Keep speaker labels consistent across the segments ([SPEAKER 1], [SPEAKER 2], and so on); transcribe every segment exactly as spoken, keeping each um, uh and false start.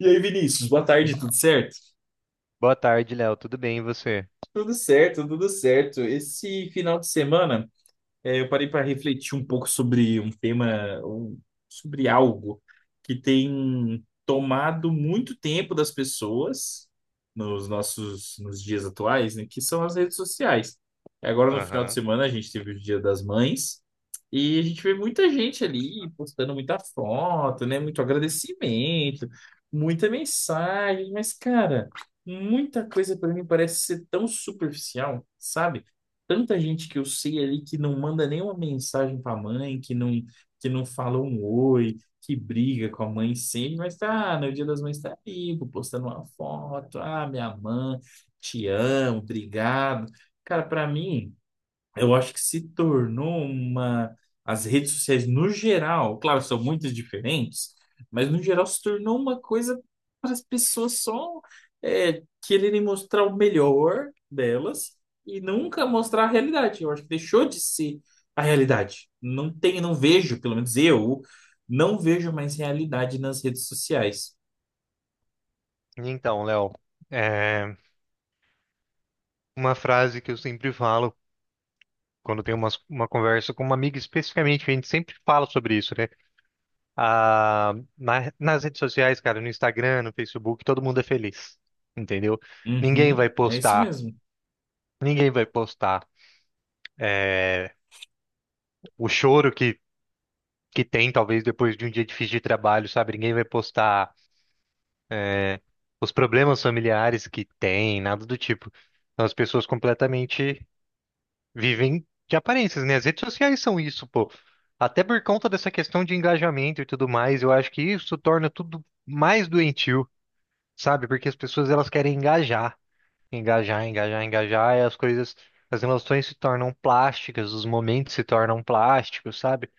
[SPEAKER 1] E aí, Vinícius, boa tarde, tudo certo?
[SPEAKER 2] Boa tarde, Léo. Tudo bem, e você?
[SPEAKER 1] Tudo certo, tudo certo. Esse final de semana. É, eu parei para refletir um pouco sobre um tema, um- sobre algo que tem tomado muito tempo das pessoas nos nossos nos dias atuais, né, que são as redes sociais. Agora no final de
[SPEAKER 2] Aham.
[SPEAKER 1] semana a gente teve o Dia das Mães e a gente vê muita gente ali postando muita foto, né, muito agradecimento, muita mensagem, mas, cara, muita coisa para mim parece ser tão superficial, sabe? Tanta gente que eu sei ali que não manda nenhuma mensagem para a mãe, que não, que não fala um oi, que briga com a mãe sempre, mas tá, no Dia das Mães tá vivo, postando uma foto, ah, minha mãe, te amo, obrigado. Cara, para mim eu acho que se tornou uma. As redes sociais, no geral, claro, são muito diferentes, mas no geral se tornou uma coisa para as pessoas só é, quererem mostrar o melhor delas e nunca mostrar a realidade. Eu acho que deixou de ser a realidade. Não tem, não vejo, pelo menos eu, não vejo mais realidade nas redes sociais.
[SPEAKER 2] E Então, Léo, é, uma frase que eu sempre falo quando tenho umas- uma, conversa com uma amiga, especificamente. A gente sempre fala sobre isso, né? Ah, na- nas redes sociais, cara, no Instagram, no Facebook, todo mundo é feliz, entendeu? Ninguém
[SPEAKER 1] Uhum,
[SPEAKER 2] vai
[SPEAKER 1] é isso
[SPEAKER 2] postar,
[SPEAKER 1] mesmo.
[SPEAKER 2] ninguém vai postar é, o choro que, que tem, talvez, depois de um dia difícil de trabalho, sabe? Ninguém vai postar, é, os problemas familiares que tem, nada do tipo. São as pessoas completamente Vivem de aparências, né? As redes sociais são isso, pô. Até por conta dessa questão de engajamento e tudo mais, eu acho que isso torna tudo mais doentio, sabe? Porque as pessoas, elas querem engajar, engajar, engajar, engajar, e as coisas, as emoções se tornam plásticas, os momentos se tornam plásticos, sabe?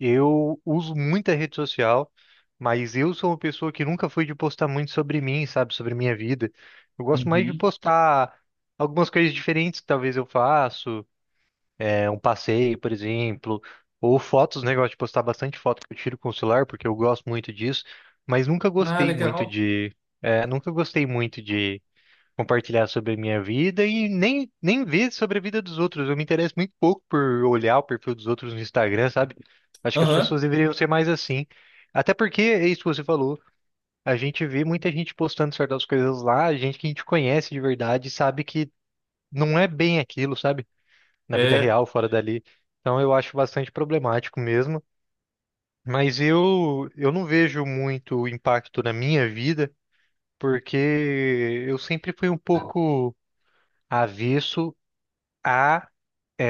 [SPEAKER 2] Eu uso muita rede social, mas eu sou uma pessoa que nunca fui de postar muito sobre mim, sabe? Sobre minha vida. Eu gosto mais de
[SPEAKER 1] Uhum.
[SPEAKER 2] postar algumas coisas diferentes, que talvez eu faço, é, um passeio, por exemplo, ou fotos, né? Eu gosto de postar bastante foto que eu tiro com o celular, porque eu gosto muito disso, mas nunca
[SPEAKER 1] Ah,
[SPEAKER 2] gostei muito
[SPEAKER 1] legal.
[SPEAKER 2] de, é, nunca gostei muito de compartilhar sobre a minha vida e nem, nem ver sobre a vida dos outros. Eu me interesso muito pouco por olhar o perfil dos outros no Instagram, sabe? Acho que as
[SPEAKER 1] Aham,
[SPEAKER 2] pessoas deveriam ser mais assim. Até porque, é isso que você falou, a gente vê muita gente postando certas coisas lá, gente que a gente conhece de verdade, sabe que não é bem aquilo, sabe? Na vida
[SPEAKER 1] é.
[SPEAKER 2] real, fora dali. Então eu acho bastante problemático mesmo. Mas eu, eu não vejo muito impacto na minha vida, porque eu sempre fui um pouco avesso a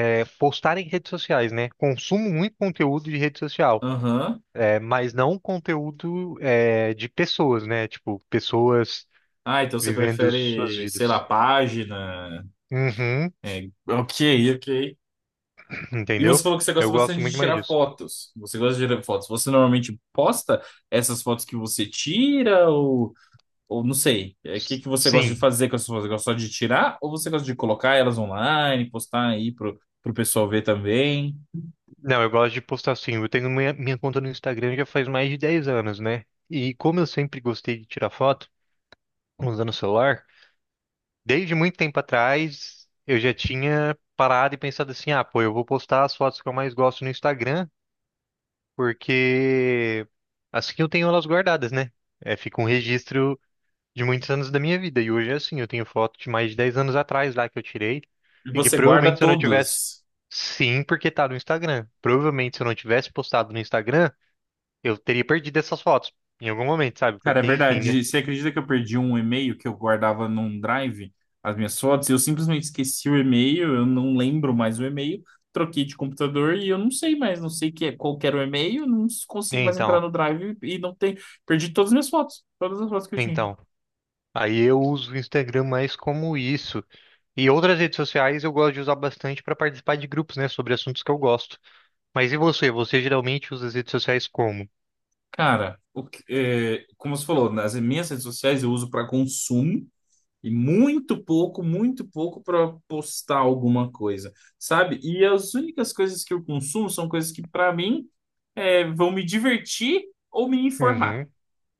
[SPEAKER 2] eh, postar em redes sociais, né? Consumo muito conteúdo de rede social,
[SPEAKER 1] Aham.
[SPEAKER 2] é, mas não conteúdo, é, de pessoas, né? Tipo, pessoas
[SPEAKER 1] Ah, então você
[SPEAKER 2] vivendo suas
[SPEAKER 1] prefere, sei lá,
[SPEAKER 2] vidas.
[SPEAKER 1] página.
[SPEAKER 2] Uhum,
[SPEAKER 1] É, ok, ok. E você
[SPEAKER 2] entendeu?
[SPEAKER 1] falou que você
[SPEAKER 2] Eu
[SPEAKER 1] gosta
[SPEAKER 2] gosto
[SPEAKER 1] bastante de
[SPEAKER 2] muito mais
[SPEAKER 1] tirar
[SPEAKER 2] disso.
[SPEAKER 1] fotos. Você gosta de tirar fotos. Você normalmente posta essas fotos que você tira, ou, ou não sei. É, o que
[SPEAKER 2] S-
[SPEAKER 1] que você gosta de
[SPEAKER 2] Sim.
[SPEAKER 1] fazer com essas fotos? Você gosta só de tirar ou você gosta de colocar elas online, postar aí pro, pro pessoal ver também?
[SPEAKER 2] Não, eu gosto de postar, sim. Eu tenho minha, minha conta no Instagram já faz mais de dez anos, né? E como eu sempre gostei de tirar foto usando o celular, desde muito tempo atrás eu já tinha parado e pensado assim: ah, pô, eu vou postar as fotos que eu mais gosto no Instagram, porque assim eu tenho elas guardadas, né? É, fica um registro de muitos anos da minha vida. E hoje é assim: eu tenho foto de mais de dez anos atrás lá que eu tirei,
[SPEAKER 1] E
[SPEAKER 2] e que
[SPEAKER 1] você guarda
[SPEAKER 2] provavelmente se eu não tivesse.
[SPEAKER 1] todas.
[SPEAKER 2] Sim, porque tá no Instagram. Provavelmente se eu não tivesse postado no Instagram, eu teria perdido essas fotos em algum momento, sabe?
[SPEAKER 1] Cara, é
[SPEAKER 2] Porque, enfim, né?
[SPEAKER 1] verdade. Você acredita que eu perdi um e-mail que eu guardava num drive, as minhas fotos? E eu simplesmente esqueci o e-mail, eu não lembro mais o e-mail, troquei de computador e eu não sei mais, não sei que é, qual que era o e-mail, não consigo mais entrar
[SPEAKER 2] Então,
[SPEAKER 1] no drive e não tem. Perdi todas as minhas fotos, todas as fotos que eu tinha.
[SPEAKER 2] então. Aí eu uso o Instagram mais como isso. E outras redes sociais eu gosto de usar bastante para participar de grupos, né? Sobre assuntos que eu gosto. Mas e você? Você geralmente usa as redes sociais como?
[SPEAKER 1] Cara, o que- é, como você falou, nas minhas redes sociais eu uso para consumo. E muito pouco, muito pouco para postar alguma coisa, sabe? E as únicas coisas que eu consumo são coisas que, para mim, é, vão me divertir ou me informar.
[SPEAKER 2] Uhum,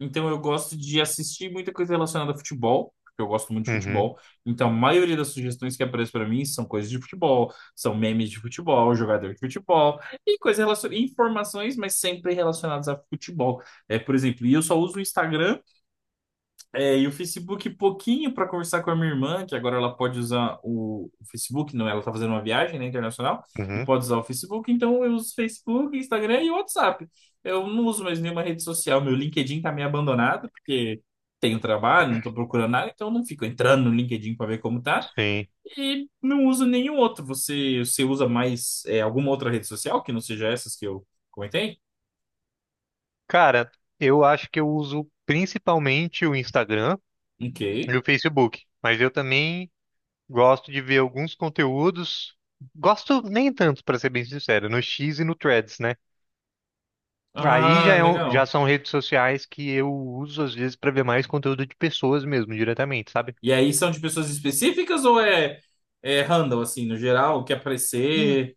[SPEAKER 1] Então, eu gosto de assistir muita coisa relacionada a futebol, porque eu gosto muito de
[SPEAKER 2] uhum,
[SPEAKER 1] futebol. Então, a maioria das sugestões que aparecem para mim são coisas de futebol, são memes de futebol, jogador de futebol, e coisas relacionadas, informações, mas sempre relacionadas a futebol. É, por exemplo, e eu só uso o Instagram é, e o Facebook, pouquinho para conversar com a minha irmã, que agora ela pode usar o o Facebook, não, ela está fazendo uma viagem, né, internacional, e
[SPEAKER 2] uhum.
[SPEAKER 1] pode usar o Facebook, então eu uso Facebook, Instagram e WhatsApp. Eu não uso mais nenhuma rede social, meu LinkedIn tá meio abandonado, porque tenho trabalho, não estou procurando nada, então eu não fico entrando no LinkedIn para ver como tá,
[SPEAKER 2] Sim.
[SPEAKER 1] e não uso nenhum outro. Você, você usa mais, é, alguma outra rede social que não seja essas que eu comentei?
[SPEAKER 2] Cara, eu acho que eu uso principalmente o Instagram
[SPEAKER 1] Ok.
[SPEAKER 2] e o Facebook. Mas eu também gosto de ver alguns conteúdos. Gosto nem tanto, para ser bem sincero, no X e no Threads, né? Aí já,
[SPEAKER 1] Ah,
[SPEAKER 2] é um- já
[SPEAKER 1] legal.
[SPEAKER 2] são redes sociais que eu uso às vezes para ver mais conteúdo de pessoas mesmo, diretamente, sabe?
[SPEAKER 1] E aí são de pessoas específicas ou é, é random, assim, no geral, que
[SPEAKER 2] Hum,
[SPEAKER 1] aparecer?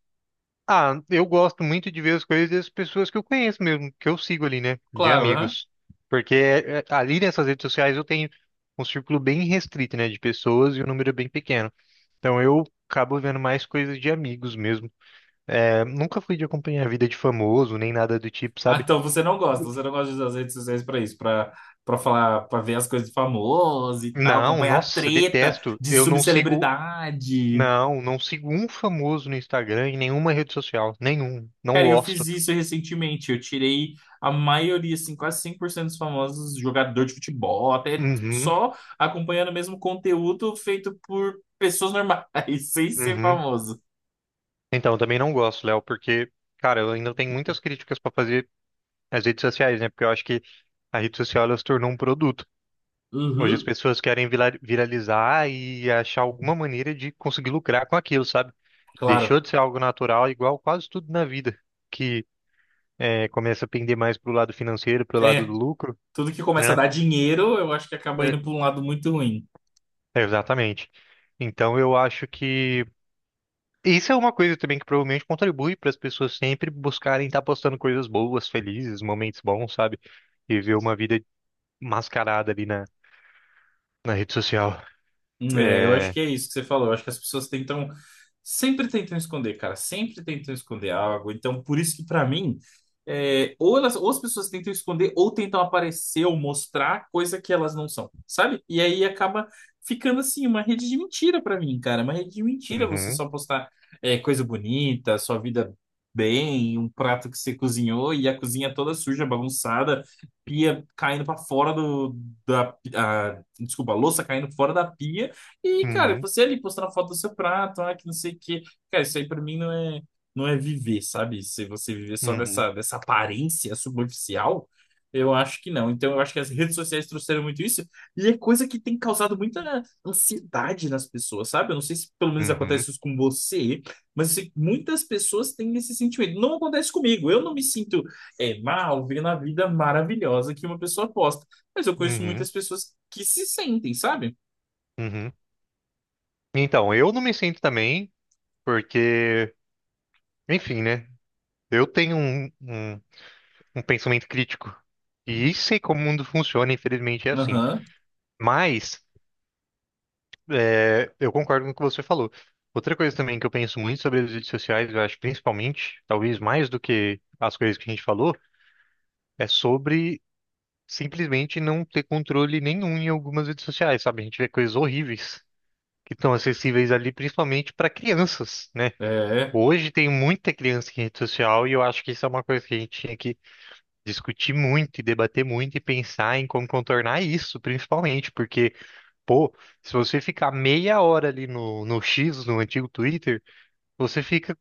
[SPEAKER 2] Ah, eu gosto muito de ver as coisas das pessoas que eu conheço mesmo, que eu sigo ali, né? De
[SPEAKER 1] Claro, né?
[SPEAKER 2] amigos. Porque é, é, ali nessas redes sociais eu tenho um círculo bem restrito, né? De pessoas, e um número bem pequeno. Então eu acabo vendo mais coisas de amigos mesmo. É, nunca fui de acompanhar a vida de famoso, nem nada do tipo,
[SPEAKER 1] Ah,
[SPEAKER 2] sabe?
[SPEAKER 1] então você não gosta, você não gosta de usar as redes sociais pra isso, pra para falar, pra ver as coisas de famoso e tal,
[SPEAKER 2] Não,
[SPEAKER 1] acompanhar a
[SPEAKER 2] nossa,
[SPEAKER 1] treta
[SPEAKER 2] detesto.
[SPEAKER 1] de
[SPEAKER 2] Eu não sigo
[SPEAKER 1] subcelebridade.
[SPEAKER 2] Não, não sigo um famoso no Instagram, em nenhuma rede social. Nenhum. Não
[SPEAKER 1] Cara, eu
[SPEAKER 2] gosto.
[SPEAKER 1] fiz isso recentemente, eu tirei a maioria, assim, quase cem por cento dos famosos jogador de futebol, até
[SPEAKER 2] Uhum,
[SPEAKER 1] só acompanhando o mesmo conteúdo feito por pessoas normais, sem ser
[SPEAKER 2] uhum.
[SPEAKER 1] famoso.
[SPEAKER 2] Então, eu também não gosto, Léo, porque, cara, eu ainda tenho muitas críticas pra fazer às redes sociais, né? Porque eu acho que a rede social, ela se tornou um produto. Hoje as
[SPEAKER 1] Uhum.
[SPEAKER 2] pessoas querem vila- viralizar e achar alguma maneira de conseguir lucrar com aquilo, sabe?
[SPEAKER 1] Claro.
[SPEAKER 2] Deixou de ser algo natural, igual quase tudo na vida, que é, começa a pender mais pro lado financeiro, pro lado
[SPEAKER 1] É,
[SPEAKER 2] do lucro,
[SPEAKER 1] tudo que começa a
[SPEAKER 2] né?
[SPEAKER 1] dar dinheiro, eu acho que acaba
[SPEAKER 2] É,
[SPEAKER 1] indo para um lado muito ruim.
[SPEAKER 2] exatamente. Então eu acho que. Isso é uma coisa também que provavelmente contribui para as pessoas sempre buscarem estar postando coisas boas, felizes, momentos bons, sabe? E ver uma vida mascarada ali na, na rede social.
[SPEAKER 1] É, eu acho
[SPEAKER 2] É.
[SPEAKER 1] que é isso que você falou. Eu acho que as pessoas tentam, sempre tentam esconder, cara, sempre tentam esconder algo. Então, por isso que pra mim, é, ou elas, ou as pessoas tentam esconder, ou tentam aparecer ou mostrar coisa que elas não são, sabe? E aí acaba ficando assim uma rede de mentira pra mim, cara. Uma rede de mentira você
[SPEAKER 2] Uhum,
[SPEAKER 1] só postar, é, coisa bonita, sua vida bem, um prato que você cozinhou e a cozinha toda suja, bagunçada, pia caindo pra fora do da, a- desculpa, a louça caindo fora da pia. E, cara,
[SPEAKER 2] uhum,
[SPEAKER 1] você ali postando a foto do seu prato, ah, que não sei o quê. Cara, isso aí pra mim não é, não é viver, sabe? Se você viver só
[SPEAKER 2] uhum,
[SPEAKER 1] dessa, dessa aparência superficial, eu acho que não. Então, eu acho que as redes sociais trouxeram muito isso. E é coisa que tem causado muita ansiedade nas pessoas, sabe? Eu não sei se pelo menos
[SPEAKER 2] uhum,
[SPEAKER 1] acontece isso com você, mas eu sei que muitas pessoas têm esse sentimento. Não acontece comigo. Eu não me sinto, é, mal, vendo a vida maravilhosa que uma pessoa posta. Mas eu conheço
[SPEAKER 2] uhum,
[SPEAKER 1] muitas pessoas que se sentem, sabe?
[SPEAKER 2] uhum. Então, eu não me sinto também, porque, enfim, né? Eu tenho um, um, um pensamento crítico. E sei como o mundo funciona, infelizmente é assim.
[SPEAKER 1] Aham.
[SPEAKER 2] Mas. É, eu concordo com o que você falou. Outra coisa também que eu penso muito sobre as redes sociais, eu acho, principalmente, talvez mais do que as coisas que a gente falou, é sobre simplesmente não ter controle nenhum em algumas redes sociais, sabe? A gente vê coisas horríveis que estão acessíveis ali, principalmente para crianças, né?
[SPEAKER 1] É,
[SPEAKER 2] Hoje tem muita criança em rede social e eu acho que isso é uma coisa que a gente tinha que discutir muito e debater muito e pensar em como contornar isso, principalmente, porque pô, se você ficar meia hora ali no, no X, no antigo Twitter, você fica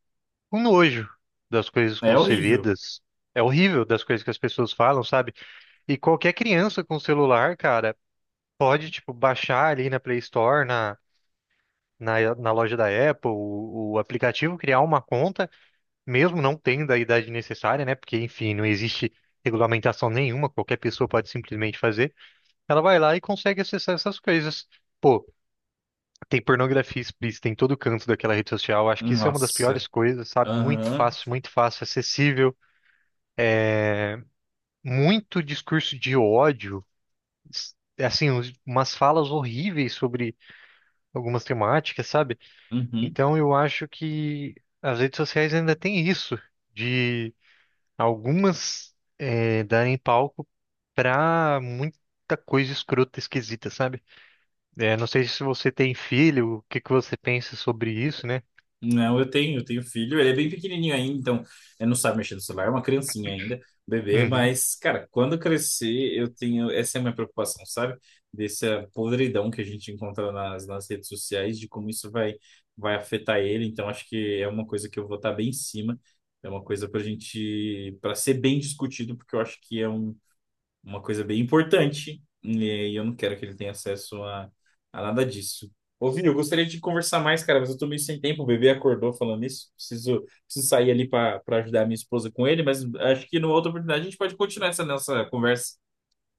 [SPEAKER 2] com nojo das coisas que
[SPEAKER 1] é
[SPEAKER 2] você vê,
[SPEAKER 1] horrível.
[SPEAKER 2] das... é horrível, das coisas que as pessoas falam, sabe? E qualquer criança com celular, cara, pode, tipo, baixar ali na Play Store, na, na, na loja da Apple, o, o aplicativo, criar uma conta, mesmo não tendo a idade necessária, né? Porque, enfim, não existe regulamentação nenhuma, qualquer pessoa pode simplesmente fazer. Ela vai lá e consegue acessar essas coisas. Pô, tem pornografia explícita em todo canto daquela rede social. Acho que isso é uma das
[SPEAKER 1] Nossa.
[SPEAKER 2] piores coisas, sabe? Muito
[SPEAKER 1] Aham.
[SPEAKER 2] fácil, muito fácil, acessível. Muito discurso de ódio. s- Assim, uns- umas falas horríveis sobre algumas temáticas, sabe?
[SPEAKER 1] Uhum.
[SPEAKER 2] Então eu acho que as redes sociais ainda têm isso, de algumas, eh, darem palco pra muita coisa escrota, esquisita, sabe? Eh, não sei se você tem filho, o que que você pensa sobre isso, né?
[SPEAKER 1] Não, eu tenho, eu tenho filho. Ele é bem pequenininho ainda, então ele não sabe mexer no celular, é uma criancinha ainda, bebê.
[SPEAKER 2] Uhum.
[SPEAKER 1] Mas, cara, quando crescer, eu tenho. Essa é a minha preocupação, sabe? Dessa podridão que a gente encontra nas, nas redes sociais, de como isso vai, vai afetar ele. Então, acho que é uma coisa que eu vou estar bem em cima. É uma coisa pra gente, pra ser bem discutido, porque eu acho que é um uma coisa bem importante, eh, e eu não quero que ele tenha acesso a, a nada disso. Ô, Vini, eu gostaria de conversar mais, cara, mas eu tô meio sem tempo. O bebê acordou falando isso. Preciso, preciso sair ali para para ajudar a minha esposa com ele, mas acho que numa outra oportunidade a gente pode continuar essa nossa conversa.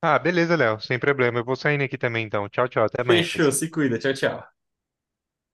[SPEAKER 2] Ah, beleza, Léo. Sem problema. Eu vou saindo aqui também, então. Tchau, tchau. Até
[SPEAKER 1] Fechou,
[SPEAKER 2] mais.
[SPEAKER 1] se cuida. Tchau, tchau.